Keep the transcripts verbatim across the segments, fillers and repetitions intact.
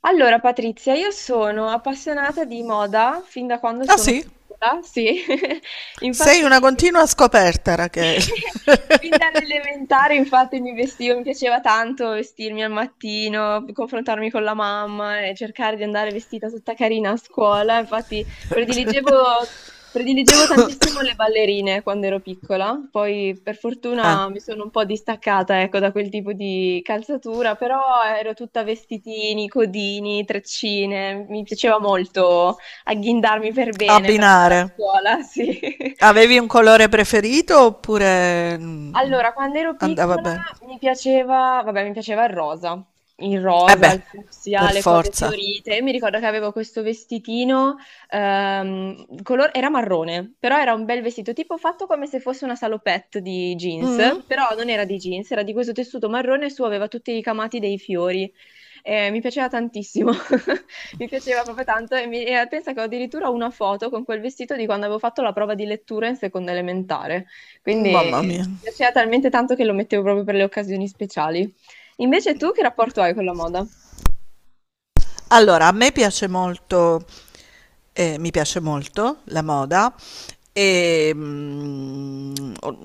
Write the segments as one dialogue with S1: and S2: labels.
S1: Allora, Patrizia, io sono appassionata di moda fin da quando
S2: Ah,
S1: sono
S2: sì?
S1: piccola, sì.
S2: Sei
S1: Infatti,
S2: una continua scoperta, Rachele.
S1: fin dall'elementare, infatti, mi vestivo, mi piaceva tanto vestirmi al mattino, confrontarmi con la mamma e cercare di andare vestita tutta carina a scuola. Infatti, prediligevo, prediligevo tantissimo le ballerine quando ero piccola. Poi, per
S2: Ah,
S1: fortuna, mi sono un po' distaccata, ecco, da quel tipo di calzatura, però ero tutta vestitini, codini, treccine. Mi piaceva molto agghindarmi per bene per andare a
S2: abbinare.
S1: scuola, sì.
S2: Avevi un colore preferito oppure... mm,
S1: Allora, quando ero
S2: andava
S1: piccola
S2: bene?
S1: mi piaceva, vabbè, mi piaceva il rosa, il
S2: Eh
S1: rosa,
S2: beh,
S1: il fucsia,
S2: per
S1: le cose
S2: forza.
S1: fiorite. E mi ricordo che avevo questo vestitino, ehm, color- era marrone, però era un bel vestito, tipo fatto come se fosse una salopette di
S2: Mm?
S1: jeans, però non era di jeans, era di questo tessuto marrone e su aveva tutti i ricamati dei fiori. Eh, mi piaceva tantissimo, mi piaceva proprio tanto e, mi- e pensa che ho addirittura una foto con quel vestito di quando avevo fatto la prova di lettura in seconda elementare. Quindi
S2: Mamma
S1: mi
S2: mia.
S1: piaceva talmente tanto che lo mettevo proprio per le occasioni speciali. Invece tu che rapporto hai con la moda?
S2: Allora, a me piace molto. Eh, mi piace molto la moda e mm, o-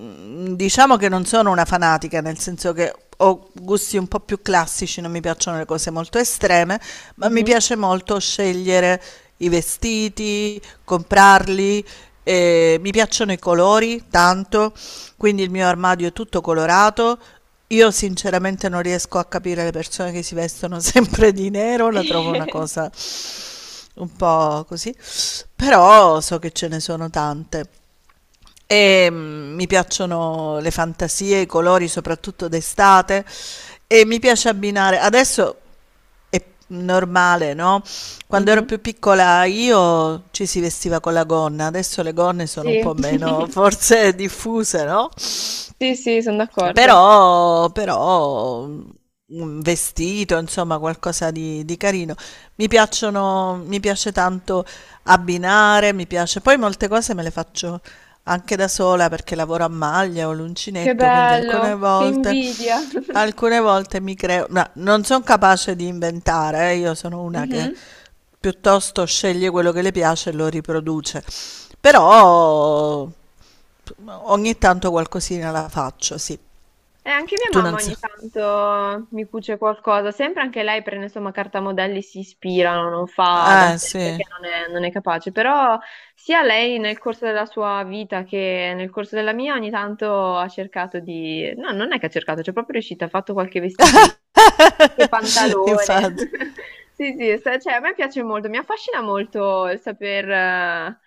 S2: diciamo che non sono una fanatica, nel senso che ho gusti un po' più classici, non mi piacciono le cose molto estreme, ma mi
S1: Mhm.
S2: piace molto scegliere i vestiti, comprarli. Eh, mi piacciono i colori tanto, quindi il mio armadio è tutto colorato. Io sinceramente non riesco a capire le persone che si vestono sempre di nero, la trovo una cosa un po' così, però so che ce ne sono tante. E mm, mi piacciono le fantasie, i colori, soprattutto d'estate, e mi piace abbinare. Adesso è normale, no? Quando ero più
S1: Mhm.
S2: piccola io ci si vestiva con la gonna, adesso le gonne sono un
S1: Sì,
S2: po' meno forse diffuse, no?
S1: sì, sì, sono d'accordo.
S2: Però, però un vestito, insomma, qualcosa di, di carino. Mi piacciono, mi piace tanto abbinare, mi piace. Poi molte cose me le faccio anche da sola perché lavoro a maglia o
S1: Che
S2: l'uncinetto, quindi alcune
S1: bello, che
S2: volte,
S1: invidia.
S2: alcune volte mi creo, ma non sono capace di inventare, eh, io sono una che
S1: Mhm.
S2: piuttosto sceglie quello che le piace e lo riproduce. Però ogni tanto qualcosina la faccio, sì.
S1: E anche mia
S2: Tu
S1: mamma
S2: non sai.
S1: ogni tanto mi cuce qualcosa, sempre anche lei prende insomma cartamodelli, si ispirano, non fa da
S2: Eh,
S1: sé perché
S2: sì,
S1: non è, non è capace, però sia lei nel corso della sua vita che nel corso della mia ogni tanto ha cercato di... No, non è che ha cercato, cioè è proprio riuscita, ha fatto qualche vestitino, anche pantalone.
S2: infatti.
S1: Sì, sì, sta- cioè, a me piace molto, mi affascina molto il saper eh,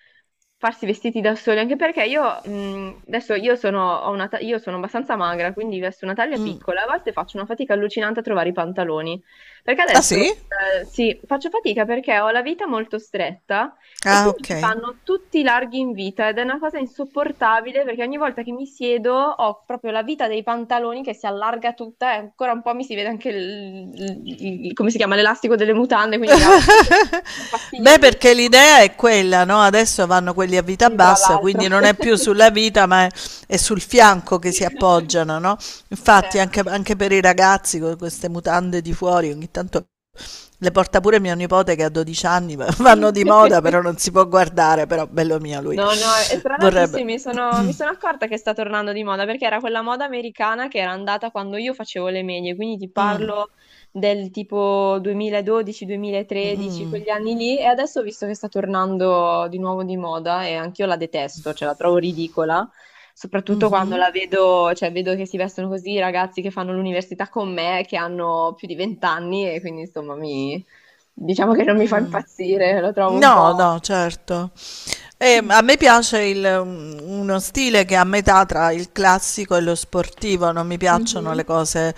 S1: farsi vestiti da soli, anche perché io mh, adesso io sono, ho una ta- io sono abbastanza magra, quindi vesto una taglia piccola, a volte faccio una fatica allucinante a trovare i pantaloni, perché
S2: Ah,
S1: adesso
S2: sì?
S1: eh, sì, faccio fatica perché ho la vita molto stretta e
S2: Ah,
S1: quindi mi
S2: ok.
S1: fanno tutti i larghi in vita ed è una cosa insopportabile perché ogni volta che mi siedo ho proprio la vita dei pantaloni che si allarga tutta e ancora un po' mi si vede anche il, il- il- come si chiama, l'elastico delle mutande, quindi mi dà veramente, è
S2: Beh, perché
S1: fastidiosissimo.
S2: l'idea è quella, no? Adesso vanno quelli a vita
S1: Sì, tra
S2: bassa,
S1: l'altro.
S2: quindi non è più sulla vita, ma è, è sul fianco che si appoggiano, no?
S1: Eh.
S2: Infatti, anche, anche per i ragazzi con queste mutande di fuori, ogni tanto le porta pure mio nipote che ha dodici anni, ma vanno di moda, però non si può guardare, però bello mio lui.
S1: No, no, e tra l'altro
S2: Vorrebbe.
S1: sì, mi sono, mi sono accorta che sta tornando di moda perché era quella moda americana che era andata quando io facevo le medie, quindi ti
S2: Mm,
S1: parlo del tipo duemiladodici-duemilatredici,
S2: mm,
S1: quegli anni lì, e adesso ho visto che sta tornando di nuovo di moda e anch'io la detesto, cioè la trovo ridicola, soprattutto quando
S2: mhm,
S1: la vedo, cioè vedo che si vestono così i ragazzi che fanno l'università con me, che hanno più di venti anni e quindi insomma mi, diciamo che non mi fa
S2: mm.
S1: impazzire, lo trovo un
S2: No,
S1: po'...
S2: no, certo. E a me piace il- un- uno stile che è a metà tra il classico e lo sportivo, non mi piacciono le
S1: Mhm.
S2: cose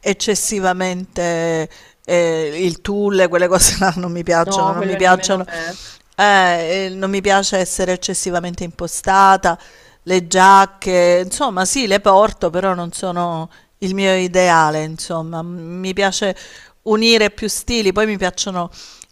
S2: eccessivamente, eh, il tulle, quelle cose là non mi piacciono,
S1: No,
S2: non mi
S1: quello nemmeno a
S2: piacciono
S1: me.
S2: eh, eh, non mi piace essere eccessivamente impostata, le giacche, insomma, sì, le porto, però non sono il mio ideale, insomma. M- Mi piace unire più stili, poi mi piacciono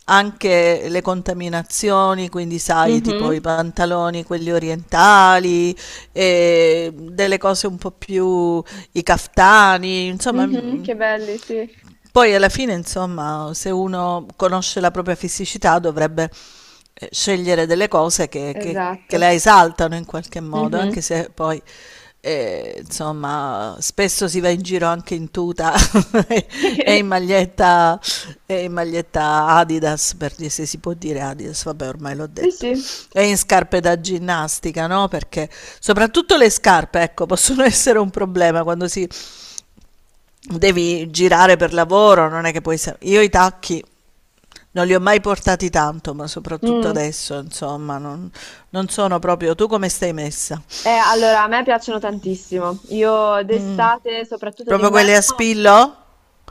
S2: anche le contaminazioni, quindi sai, tipo i
S1: Mhm.
S2: pantaloni, quelli orientali, e delle cose un po' più, i caftani, insomma,
S1: Mhm,
S2: m-
S1: che belli, sì.
S2: poi alla fine, insomma, se uno conosce la propria fisicità dovrebbe eh, scegliere delle cose che, che- che
S1: Esatto.
S2: la esaltano in qualche modo,
S1: Mhm.
S2: anche se poi, eh, insomma, spesso si va in giro anche in tuta e in maglietta, e in maglietta Adidas, per dire se si può dire Adidas, vabbè, ormai l'ho
S1: Sì,
S2: detto,
S1: sì.
S2: e in scarpe da ginnastica, no? Perché soprattutto le scarpe, ecco, possono essere un problema quando si devi girare per lavoro, non è che puoi... sa- Io i tacchi non li ho mai portati tanto, ma soprattutto
S1: Mm.
S2: adesso, insomma, non, non sono proprio... Tu come stai messa?
S1: Eh, allora, a me piacciono tantissimo. Io
S2: Mm,
S1: d'estate, soprattutto
S2: proprio quelle a
S1: d'inverno,
S2: spillo?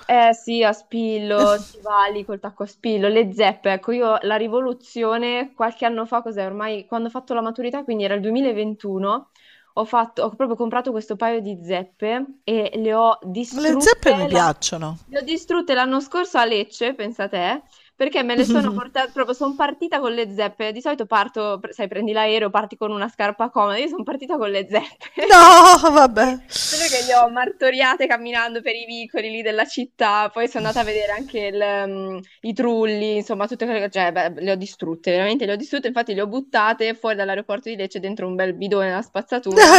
S1: eh sì, a spillo, stivali col tacco a spillo, le zeppe, ecco io la rivoluzione qualche anno fa, cos'è ormai, quando ho fatto la maturità, quindi era il duemilaventuno, ho fatto, ho proprio comprato questo paio di zeppe e le ho
S2: Le
S1: distrutte,
S2: zeppe mi
S1: la-
S2: piacciono.
S1: le ho distrutte l'anno scorso a Lecce, pensa te, perché me le sono portate, proprio sono partita con le zeppe, di solito parto, sai prendi l'aereo, parti con una scarpa comoda, io sono partita con le zeppe.
S2: No,
S1: Sì,
S2: vabbè.
S1: solo che le ho martoriate camminando per i vicoli lì della città, poi sono andata a vedere anche il, mm, i trulli, insomma, tutte quelle cioè, beh, le ho distrutte, veramente le ho distrutte, infatti le ho buttate fuori dall'aeroporto di Lecce dentro un bel bidone alla spazzatura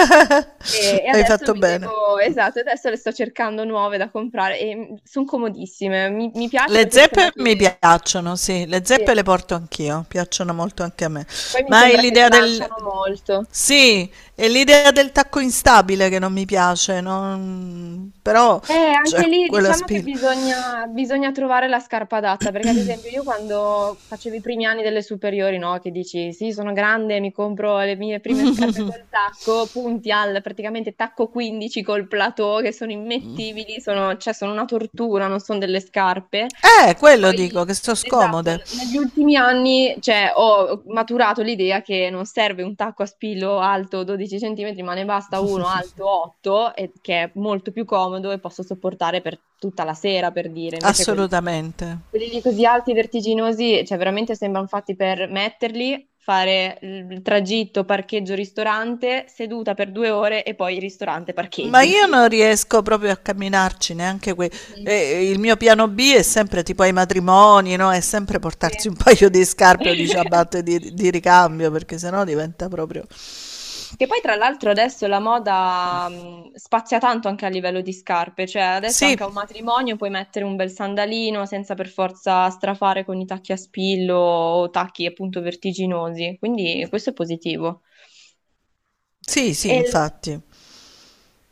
S1: e, e
S2: Hai
S1: adesso
S2: fatto
S1: mi
S2: bene.
S1: devo, esatto, adesso le sto cercando nuove da comprare e sono comodissime, mi, mi piace
S2: Le
S1: perché mi sembra
S2: zeppe mi
S1: che,
S2: piacciono, sì, le zeppe
S1: sì,
S2: le porto anch'io, piacciono molto anche a me.
S1: poi mi
S2: Ma hai
S1: sembra che
S2: l'idea del,
S1: slanciano molto.
S2: Sì, è l'idea del tacco instabile che non mi piace, non- però
S1: Eh,
S2: cioè,
S1: anche lì
S2: quella
S1: diciamo che
S2: spilla.
S1: bisogna, bisogna trovare la scarpa adatta, perché ad esempio io quando facevo i primi anni delle superiori, no, che dici sì, sono grande, mi compro le mie prime scarpe col tacco, punti al praticamente tacco quindici col plateau, che sono immettibili, sono, cioè sono una tortura, non sono delle scarpe.
S2: Eh,
S1: E
S2: quello dico,
S1: poi
S2: che sono
S1: esatto,
S2: scomode,
S1: negli ultimi anni, cioè, ho maturato l'idea che non serve un tacco a spillo alto dodici centimetri, ma ne basta uno alto otto, e- che è molto più comodo e posso sopportare per tutta la sera, per dire. Invece quelli lì,
S2: assolutamente.
S1: quelli lì così alti, vertiginosi, cioè veramente sembrano fatti per metterli, fare il tragitto, parcheggio, ristorante, seduta per due ore e poi ristorante,
S2: Ma
S1: parcheggio,
S2: io
S1: fine.
S2: non riesco proprio a camminarci neanche qui.
S1: Mhm.
S2: E il mio piano B è sempre tipo ai matrimoni, no? È sempre portarsi
S1: Sì.
S2: un paio di scarpe o di ciabatte di, di ricambio, perché sennò diventa proprio...
S1: Che poi tra l'altro adesso la moda mh, spazia tanto anche a livello di scarpe, cioè adesso anche
S2: Sì,
S1: a un matrimonio puoi mettere un bel sandalino senza per forza strafare con i tacchi a spillo o tacchi appunto vertiginosi, quindi questo è positivo.
S2: sì, sì,
S1: E,
S2: infatti.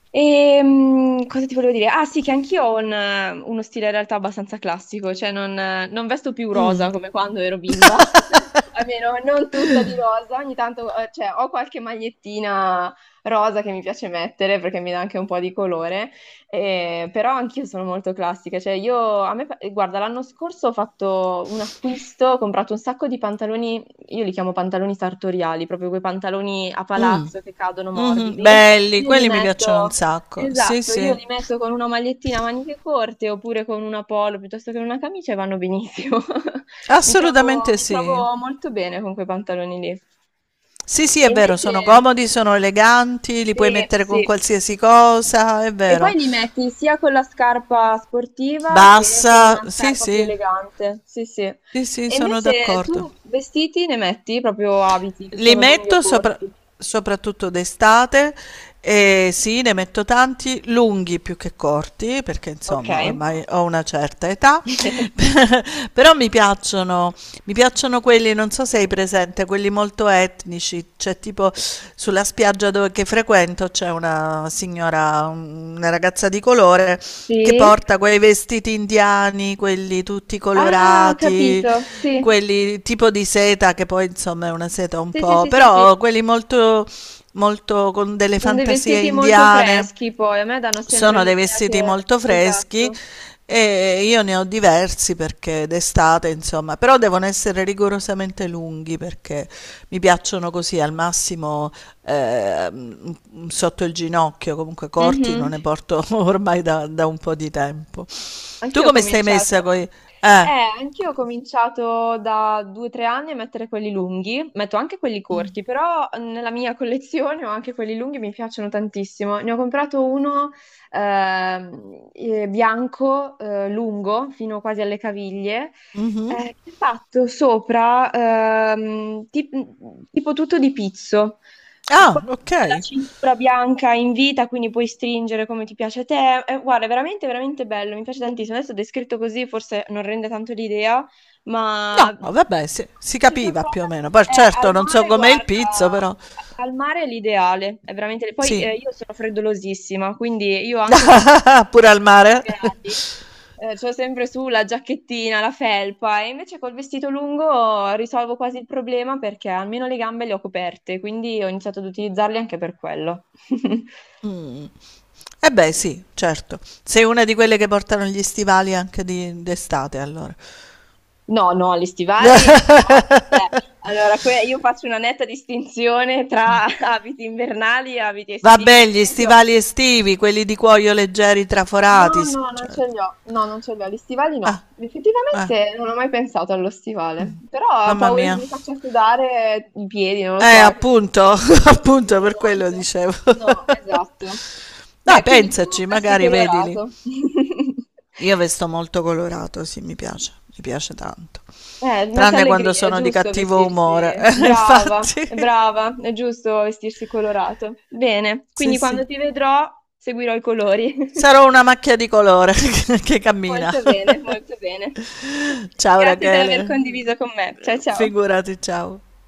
S1: e, mm, cosa ti volevo dire? Ah sì, che anch'io ho un, eh, uno stile in realtà abbastanza classico, cioè non, eh, non vesto più rosa come quando ero bimba, almeno non tutta di rosa, ogni tanto eh, cioè, ho qualche magliettina rosa che mi piace mettere perché mi dà anche un po' di colore, eh, però anch'io sono molto classica, cioè io, a me, eh, guarda, l'anno scorso ho fatto un acquisto, ho comprato un sacco di pantaloni, io li chiamo pantaloni sartoriali, proprio quei pantaloni a
S2: Mm,
S1: palazzo che cadono
S2: mhm,
S1: morbidi.
S2: belli,
S1: Io li
S2: quelli mi piacciono un
S1: metto,
S2: sacco. Sì,
S1: esatto, io
S2: sì.
S1: li metto con una magliettina a maniche corte oppure con una polo piuttosto che una camicia e vanno benissimo. Mi trovo,
S2: Assolutamente
S1: mi
S2: sì.
S1: trovo molto bene con quei pantaloni lì.
S2: Sì, sì,
S1: E
S2: è vero,
S1: invece,
S2: sono comodi, sono eleganti, li puoi
S1: sì,
S2: mettere
S1: sì.
S2: con qualsiasi cosa, è
S1: E poi
S2: vero.
S1: li metti sia con la scarpa sportiva che con
S2: Bassa,
S1: una
S2: sì,
S1: scarpa più
S2: sì,
S1: elegante. Sì, sì. E
S2: sì, sì, sono
S1: invece
S2: d'accordo.
S1: tu vestiti ne metti proprio abiti, che
S2: Li
S1: siano lunghi o
S2: metto sopra-
S1: corti.
S2: Soprattutto d'estate e sì, ne metto tanti, lunghi più che corti, perché
S1: Ok.
S2: insomma ormai ho una certa età, però mi piacciono. Mi piacciono quelli, non so se hai presente, quelli molto etnici, c'è tipo sulla spiaggia dove, che frequento c'è una signora, un- una ragazza di colore che
S1: Sì.
S2: porta quei vestiti indiani, quelli tutti
S1: Ah, ho
S2: colorati,
S1: capito. Sì.
S2: quelli tipo di seta che poi insomma è una seta un
S1: Sì, sì,
S2: po',
S1: sì, sì, sì.
S2: però quelli molto, molto con delle
S1: Sono dei
S2: fantasie
S1: vestiti molto
S2: indiane.
S1: freschi poi, a me danno sempre
S2: Sono dei
S1: l'idea
S2: vestiti
S1: che...
S2: molto freschi
S1: Esatto.
S2: e io ne ho diversi perché d'estate, insomma, però devono essere rigorosamente lunghi perché mi piacciono così al massimo ehm, sotto il ginocchio, comunque corti non
S1: Mhm.
S2: ne porto ormai da, da un po' di tempo. Tu
S1: Anch'io ho
S2: come stai
S1: cominciato.
S2: messa con i...
S1: Eh,
S2: Eh.
S1: anch'io ho cominciato da due o tre anni a mettere quelli lunghi, metto anche quelli corti,
S2: Mm,
S1: però nella mia collezione ho anche quelli lunghi, mi piacciono tantissimo. Ne ho comprato uno ehm, eh, bianco, eh, lungo, fino quasi alle caviglie,
S2: mhm.
S1: eh, che è fatto sopra ehm, tip- tipo tutto di pizzo
S2: Ah, ok.
S1: la cintura bianca in vita, quindi puoi stringere come ti piace a te. Eh, guarda, è veramente, veramente bello, mi piace tantissimo. Adesso descritto così forse non rende tanto l'idea, ma
S2: No, vabbè, si, si
S1: ci sono
S2: capiva più
S1: trovata
S2: o meno. Poi
S1: eh, al
S2: certo non so
S1: mare,
S2: com'è il pizzo,
S1: guarda,
S2: però
S1: al mare è l'ideale, è veramente... Poi
S2: sì.
S1: eh, io sono freddolosissima, quindi io anche
S2: Pure al mare.
S1: gradi. Eh, c'ho sempre su la giacchettina, la felpa, e invece col vestito lungo risolvo quasi il problema perché almeno le gambe le ho coperte, quindi ho iniziato ad utilizzarli anche per quello.
S2: Mh. Eh beh sì, certo. Sei una di quelle che portano gli stivali anche di d'estate allora.
S1: No, no, gli stivali, no. Beh, allora que- io faccio una netta distinzione tra abiti invernali e abiti estivi.
S2: Vabbè,
S1: Per
S2: gli
S1: esempio,
S2: stivali estivi, quelli di cuoio leggeri
S1: no,
S2: traforati, s-
S1: no, non
S2: cioè
S1: ce li ho. No, non ce li ho. Gli stivali
S2: eh,
S1: no.
S2: eh,
S1: Effettivamente non ho mai pensato allo stivale, però ho
S2: mamma
S1: paura che
S2: mia.
S1: mi faccia sudare i piedi, non lo so,
S2: Eh,
S1: quindi
S2: appunto,
S1: non mi
S2: appunto
S1: sudano
S2: per quello
S1: molto.
S2: dicevo.
S1: No, esatto.
S2: Dai,
S1: Beh, quindi tu
S2: pensaci,
S1: vesti
S2: magari vedili.
S1: colorato.
S2: Io vesto molto colorato, sì, mi piace, mi piace tanto.
S1: Eh, mette
S2: Tranne quando
S1: allegria, è
S2: sono di
S1: giusto
S2: cattivo umore,
S1: vestirsi.
S2: infatti.
S1: Brava, è brava, è giusto vestirsi colorato. Bene,
S2: Sì,
S1: quindi
S2: sì.
S1: quando ti vedrò seguirò i colori.
S2: Sarò una macchia di colore che cammina.
S1: Molto bene, molto bene.
S2: Ciao
S1: Grazie per aver
S2: Rachele,
S1: condiviso con me. Ciao ciao.
S2: figurati, ciao.